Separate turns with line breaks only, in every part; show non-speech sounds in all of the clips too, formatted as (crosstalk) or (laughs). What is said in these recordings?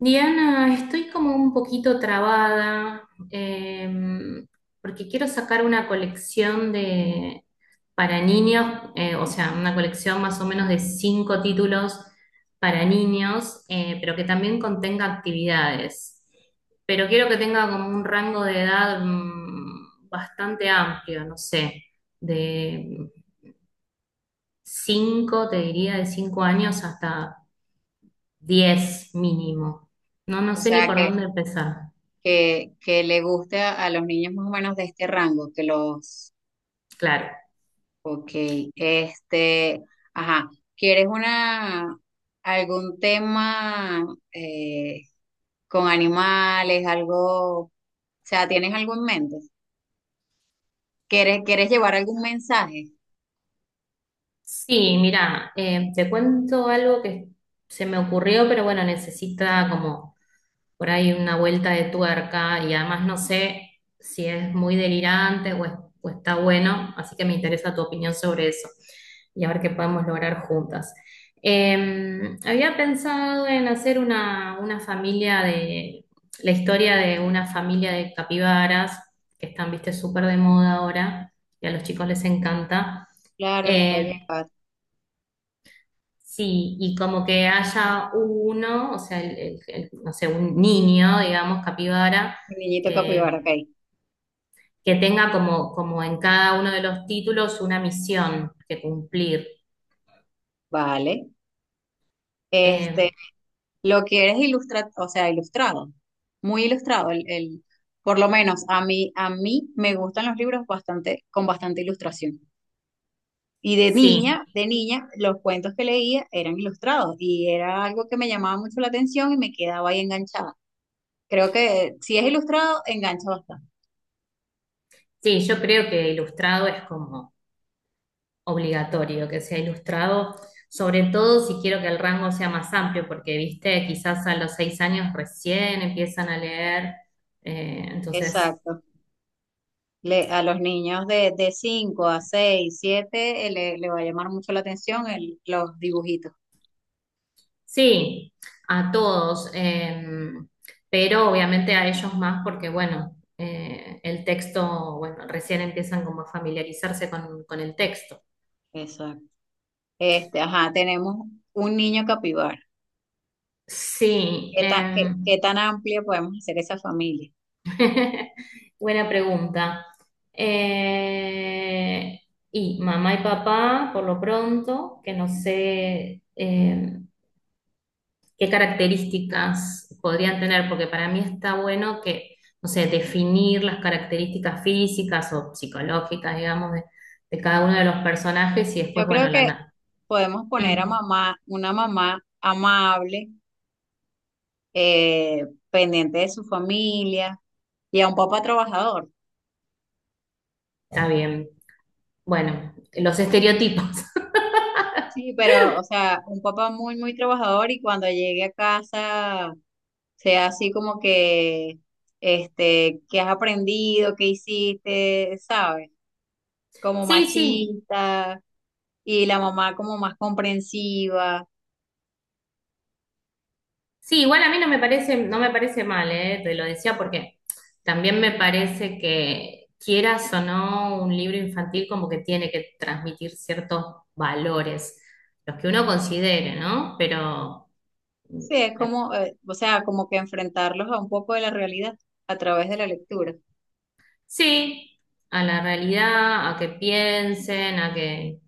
Diana, estoy como un poquito trabada. Porque quiero sacar una colección de para niños, o sea, una colección más o menos de cinco títulos para niños, pero que también contenga actividades. Pero quiero que tenga como un rango de edad bastante amplio, no sé, de cinco, te diría, de 5 años hasta 10 mínimo. No, no
O
sé ni
sea,
por
que,
dónde empezar.
que le guste a los niños más o menos de este rango, que los,
Claro.
ok, este, ajá, ¿quieres una, algún tema eh, con animales, algo, o sea, ¿tienes algo en mente? ¿Quieres llevar algún mensaje?
Sí, mira, te cuento algo que se me ocurrió, pero bueno, necesita como por ahí una vuelta de tuerca y además no sé si es muy delirante o está bueno, así que me interesa tu opinión sobre eso y a ver qué podemos lograr juntas. Había pensado en hacer una familia la historia de una familia de capibaras que están, viste, súper de moda ahora y a los chicos les encanta.
Claro, les puedo
Eh,
llevar.
Sí, y como que haya uno, o sea, no sé, un niño, digamos, capibara,
Mi niñito capibara, ok,
que, que tenga como, como en cada uno de los títulos una misión que cumplir.
vale.
Eh,
este. Lo que eres ilustrado, o sea, ilustrado, muy ilustrado. Por lo menos a mí me gustan los libros bastante, con bastante ilustración. Y
sí,
de niña, los cuentos que leía eran ilustrados y era algo que me llamaba mucho la atención y me quedaba ahí enganchada. Creo que si es ilustrado, engancha bastante.
sí, yo creo que ilustrado es como obligatorio que sea ilustrado, sobre todo si quiero que el rango sea más amplio, porque, viste, quizás a los 6 años recién empiezan a leer, entonces.
Exacto. Le, a los niños de 5 a 6 7 le va a llamar mucho la atención el, los dibujitos.
Sí, a todos, pero obviamente a ellos más porque, bueno, el texto, bueno, recién empiezan como a familiarizarse con, el texto.
Exacto. Este, ajá, tenemos un niño capibara.
Sí,
¿Qué tan, qué, qué tan amplia podemos hacer esa familia?
(laughs) buena pregunta. Eh, y mamá y papá, por lo pronto, que no sé, qué características podrían tener, porque para mí está bueno que, no sé, definir las características físicas o psicológicas, digamos, de cada uno de los personajes y
Yo
después,
creo
bueno,
que podemos poner a
Mm,
mamá, una mamá amable, eh, pendiente de su familia y a un papá trabajador.
está bien. Bueno, los estereotipos. (laughs)
Sí, pero, o sea, un papá muy, muy trabajador y cuando llegue a casa sea así como que, este, ¿qué has aprendido? ¿Qué hiciste? ¿Sabes? Como
Sí, sí,
machista y la mamá como más comprensiva.
Sí, igual a mí no me parece, no me parece mal, ¿eh? Te lo decía porque también me parece que quieras o no, un libro infantil como que tiene que transmitir ciertos valores, los que uno considere, ¿no? Pero mm,
Sí, es
me-
como, o sea, como que enfrentarlos a un poco de la realidad a través de la lectura.
sí, a la realidad, a que piensen, a que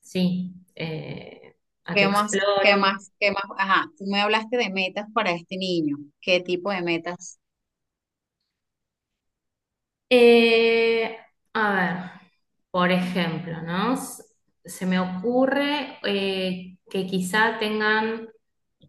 sí, a
¿Qué
que
más, qué
exploren.
más, qué más? Ajá, tú me hablaste de metas para este niño. ¿Qué tipo de metas?
Eh, a ver, por ejemplo, ¿no? Se me ocurre que quizá tengan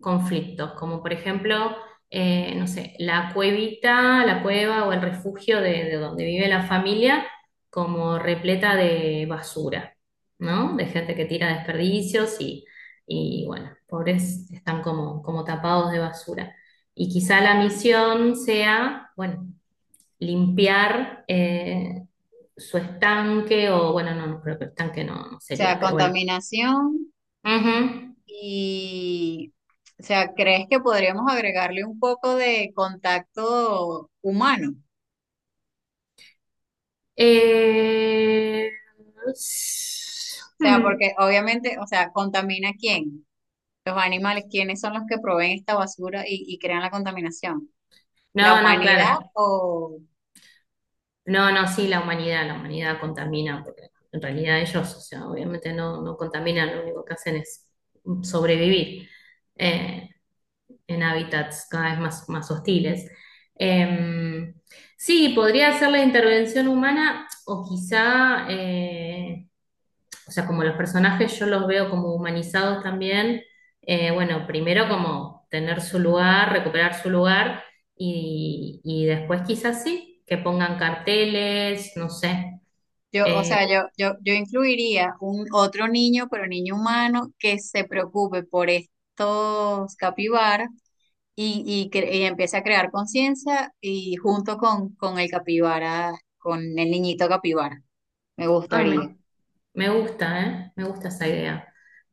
conflictos, como por ejemplo, no sé, la cuevita, la cueva o el refugio de, donde vive la familia, como repleta de basura, ¿no? De gente que tira desperdicios y bueno, pobres están como, como tapados de basura. Y quizá la misión sea, bueno, limpiar su estanque, o bueno, no, no creo que estanque no, no
O sea,
sería, pero bueno.
contaminación
Ujú.
y, o sea, ¿crees que podríamos agregarle un poco de contacto humano?
Eh,
O sea,
hmm.
porque obviamente, o sea, ¿contamina quién? Los animales, ¿quiénes son los que proveen esta basura y crean la contaminación? ¿La
No, no,
humanidad
claro.
o
No, no, sí, la humanidad contamina, porque en realidad ellos, o sea, obviamente no, no contaminan, lo único que hacen es sobrevivir eh, en hábitats cada vez más, más hostiles. Em, sí, podría ser la intervención humana o quizá o sea, como los personajes yo los veo como humanizados también, bueno, primero como tener su lugar, recuperar su lugar y, después quizás sí, que pongan carteles, no sé.
Yo, o
Eh,
sea, yo incluiría un otro niño, pero niño humano, que se preocupe por estos capibaras y empiece a crear conciencia y junto con el capibara, con el niñito capibara, me
Ay,
gustaría.
me gusta, ¿eh? Me gusta esa idea.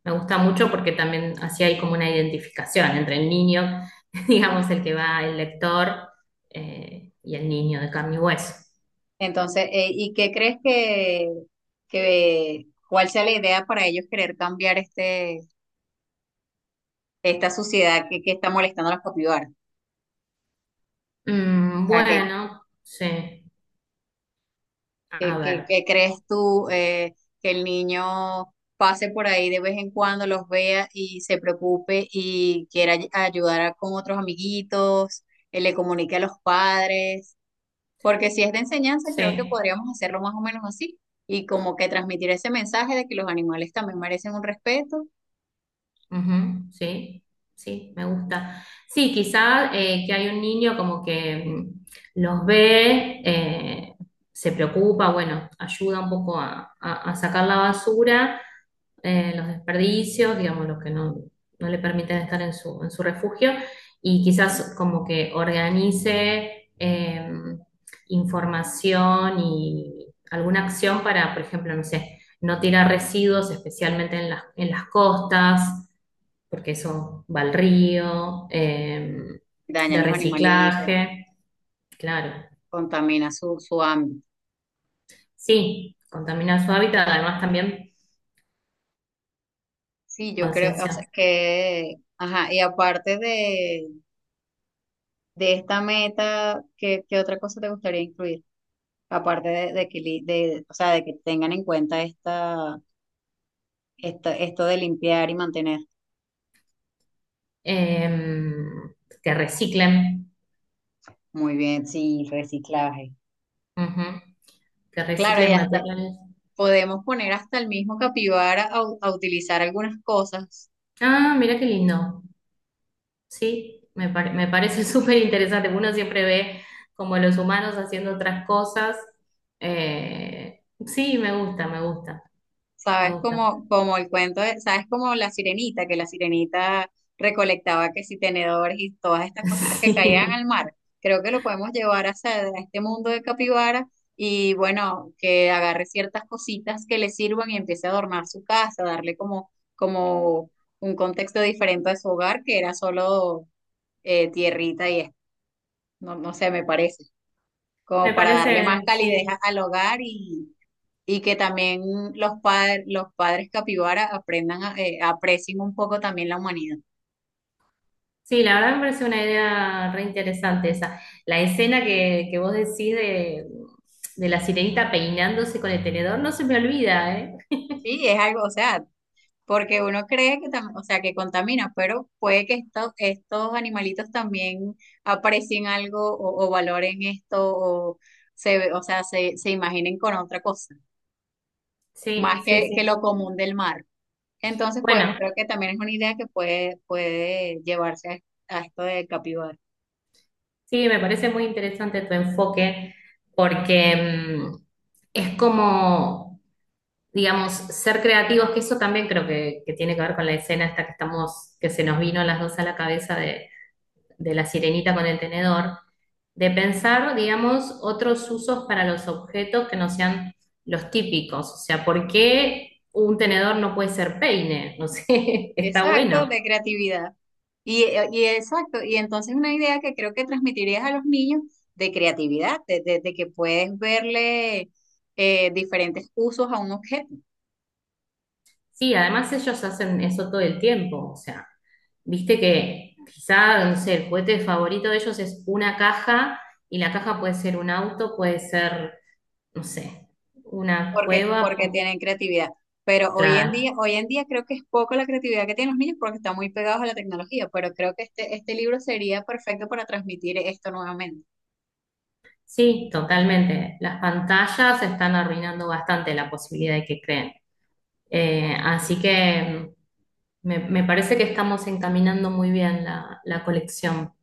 Me gusta mucho porque también así hay como una identificación entre el niño, (laughs) digamos, el que va, el lector, y el niño de carne y hueso.
Entonces, ¿y qué crees que cuál sea la idea para ellos querer cambiar este, esta sociedad que está molestando a los capibaras? O sea,
Bueno, sí,
¿Qué,
a
qué-
ver,
qué crees tú que el niño pase por ahí de vez en cuando, los vea y se preocupe y quiera ay- ayudar a- con otros amiguitos, le comunique a los padres? Porque si es de enseñanza, creo que
sí.
podríamos hacerlo más o menos así y como que transmitir ese mensaje de que los animales también merecen un respeto,
Ujú, sí, sí, me gusta. Sí, quizá que hay un niño como que los ve, se preocupa, bueno, ayuda un poco a sacar la basura, los desperdicios, digamos, los que no, no le permiten estar en su, refugio, y quizás como que organice información y alguna acción para, por ejemplo, no sé no tirar residuos, especialmente en las costas, porque eso va al río,
dañan
de
los animalitos,
reciclaje, claro.
contamina su, su ámbito.
Sí, contaminar su hábitat, además también
Sí, yo creo, o sea,
conciencia,
que, ajá, y aparte de esta meta, ¿qué, qué otra cosa te gustaría incluir? Aparte de que, li- de, o sea, de que tengan en cuenta esta, esta, esto de limpiar y mantener.
eh, que reciclen,
Muy bien, sí, reciclaje.
ujú, que
Claro, y
reciclen
hasta
materiales.
podemos poner hasta el mismo capibara a, u- a utilizar algunas cosas.
Ah, mira qué lindo. Sí, me parece (laughs) súper interesante. Uno siempre ve como los humanos haciendo otras cosas. Sí, me gusta, me gusta, me
Sabes
gusta.
como, como el cuento de, sabes como la sirenita, que la sirenita recolectaba que si tenedores y todas estas cositas
(laughs)
que caían
Sí,
al mar. Creo que lo podemos llevar hacia a este mundo de capibara y bueno, que agarre ciertas cositas que le sirvan y empiece a adornar su casa, darle como, como un contexto diferente a su hogar, que era solo tierrita y esto. No, no sé, me parece,
me
como para darle más
parece,
calidez
sí.
a- al hogar y que también los, pa- los padres capibara aprendan, a- aprecien un poco también la humanidad.
Sí, la verdad me parece una idea re interesante esa. La escena que vos decís de la sirenita peinándose con el tenedor no se me olvida, ¿eh?
Sí, es algo, o sea, porque uno cree que, tam- o sea, que contamina, pero puede que esto- estos animalitos también aprecien algo o valoren esto o, se, ve- o sea, se imaginen con otra cosa, más
Sí, sí,
que
sí.
lo común del mar. Entonces podemos,
Bueno,
creo que también es una idea que puede, puede llevarse a esto de capibara.
sí, me parece muy interesante tu enfoque porque es como, digamos, ser creativos, que eso también creo que tiene que ver con la escena esta que estamos, que se nos vino a las dos a la cabeza de la sirenita con el tenedor de pensar, digamos, otros usos para los objetos que no sean los típicos. O sea, ¿por qué un tenedor no puede ser peine? No sé, (laughs) está
Exacto,
bueno.
de creatividad. Y exacto, y entonces una idea que creo que transmitirías a los niños de creatividad, de que puedes verle diferentes usos a un objeto,
Sí, además ellos hacen eso todo el tiempo. O sea, viste que quizá, no sé, el juguete favorito de ellos es una caja y la caja puede ser un auto, puede ser, no sé, una
porque,
cueva.
porque tienen creatividad. Pero
Claro.
hoy en día creo que es poco la creatividad que tienen los niños porque están muy pegados a la tecnología, pero creo que este libro sería perfecto para transmitir esto nuevamente.
Sí, totalmente. Las pantallas están arruinando bastante la posibilidad de que creen. Así que me parece que estamos encaminando muy bien la, colección.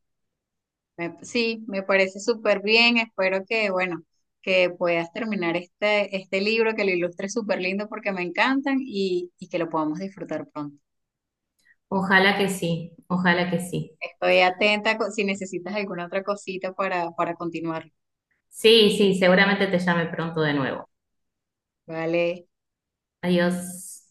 Me- sí, me parece súper bien. Espero que, bueno, que puedas terminar este, este libro, que lo ilustres súper lindo porque me encantan y que lo podamos disfrutar pronto.
Ojalá que sí, ojalá que sí.
Estoy atenta co- si necesitas alguna otra cosita para continuar.
Sí, sí, seguramente te llame pronto de nuevo.
Vale.
Adiós.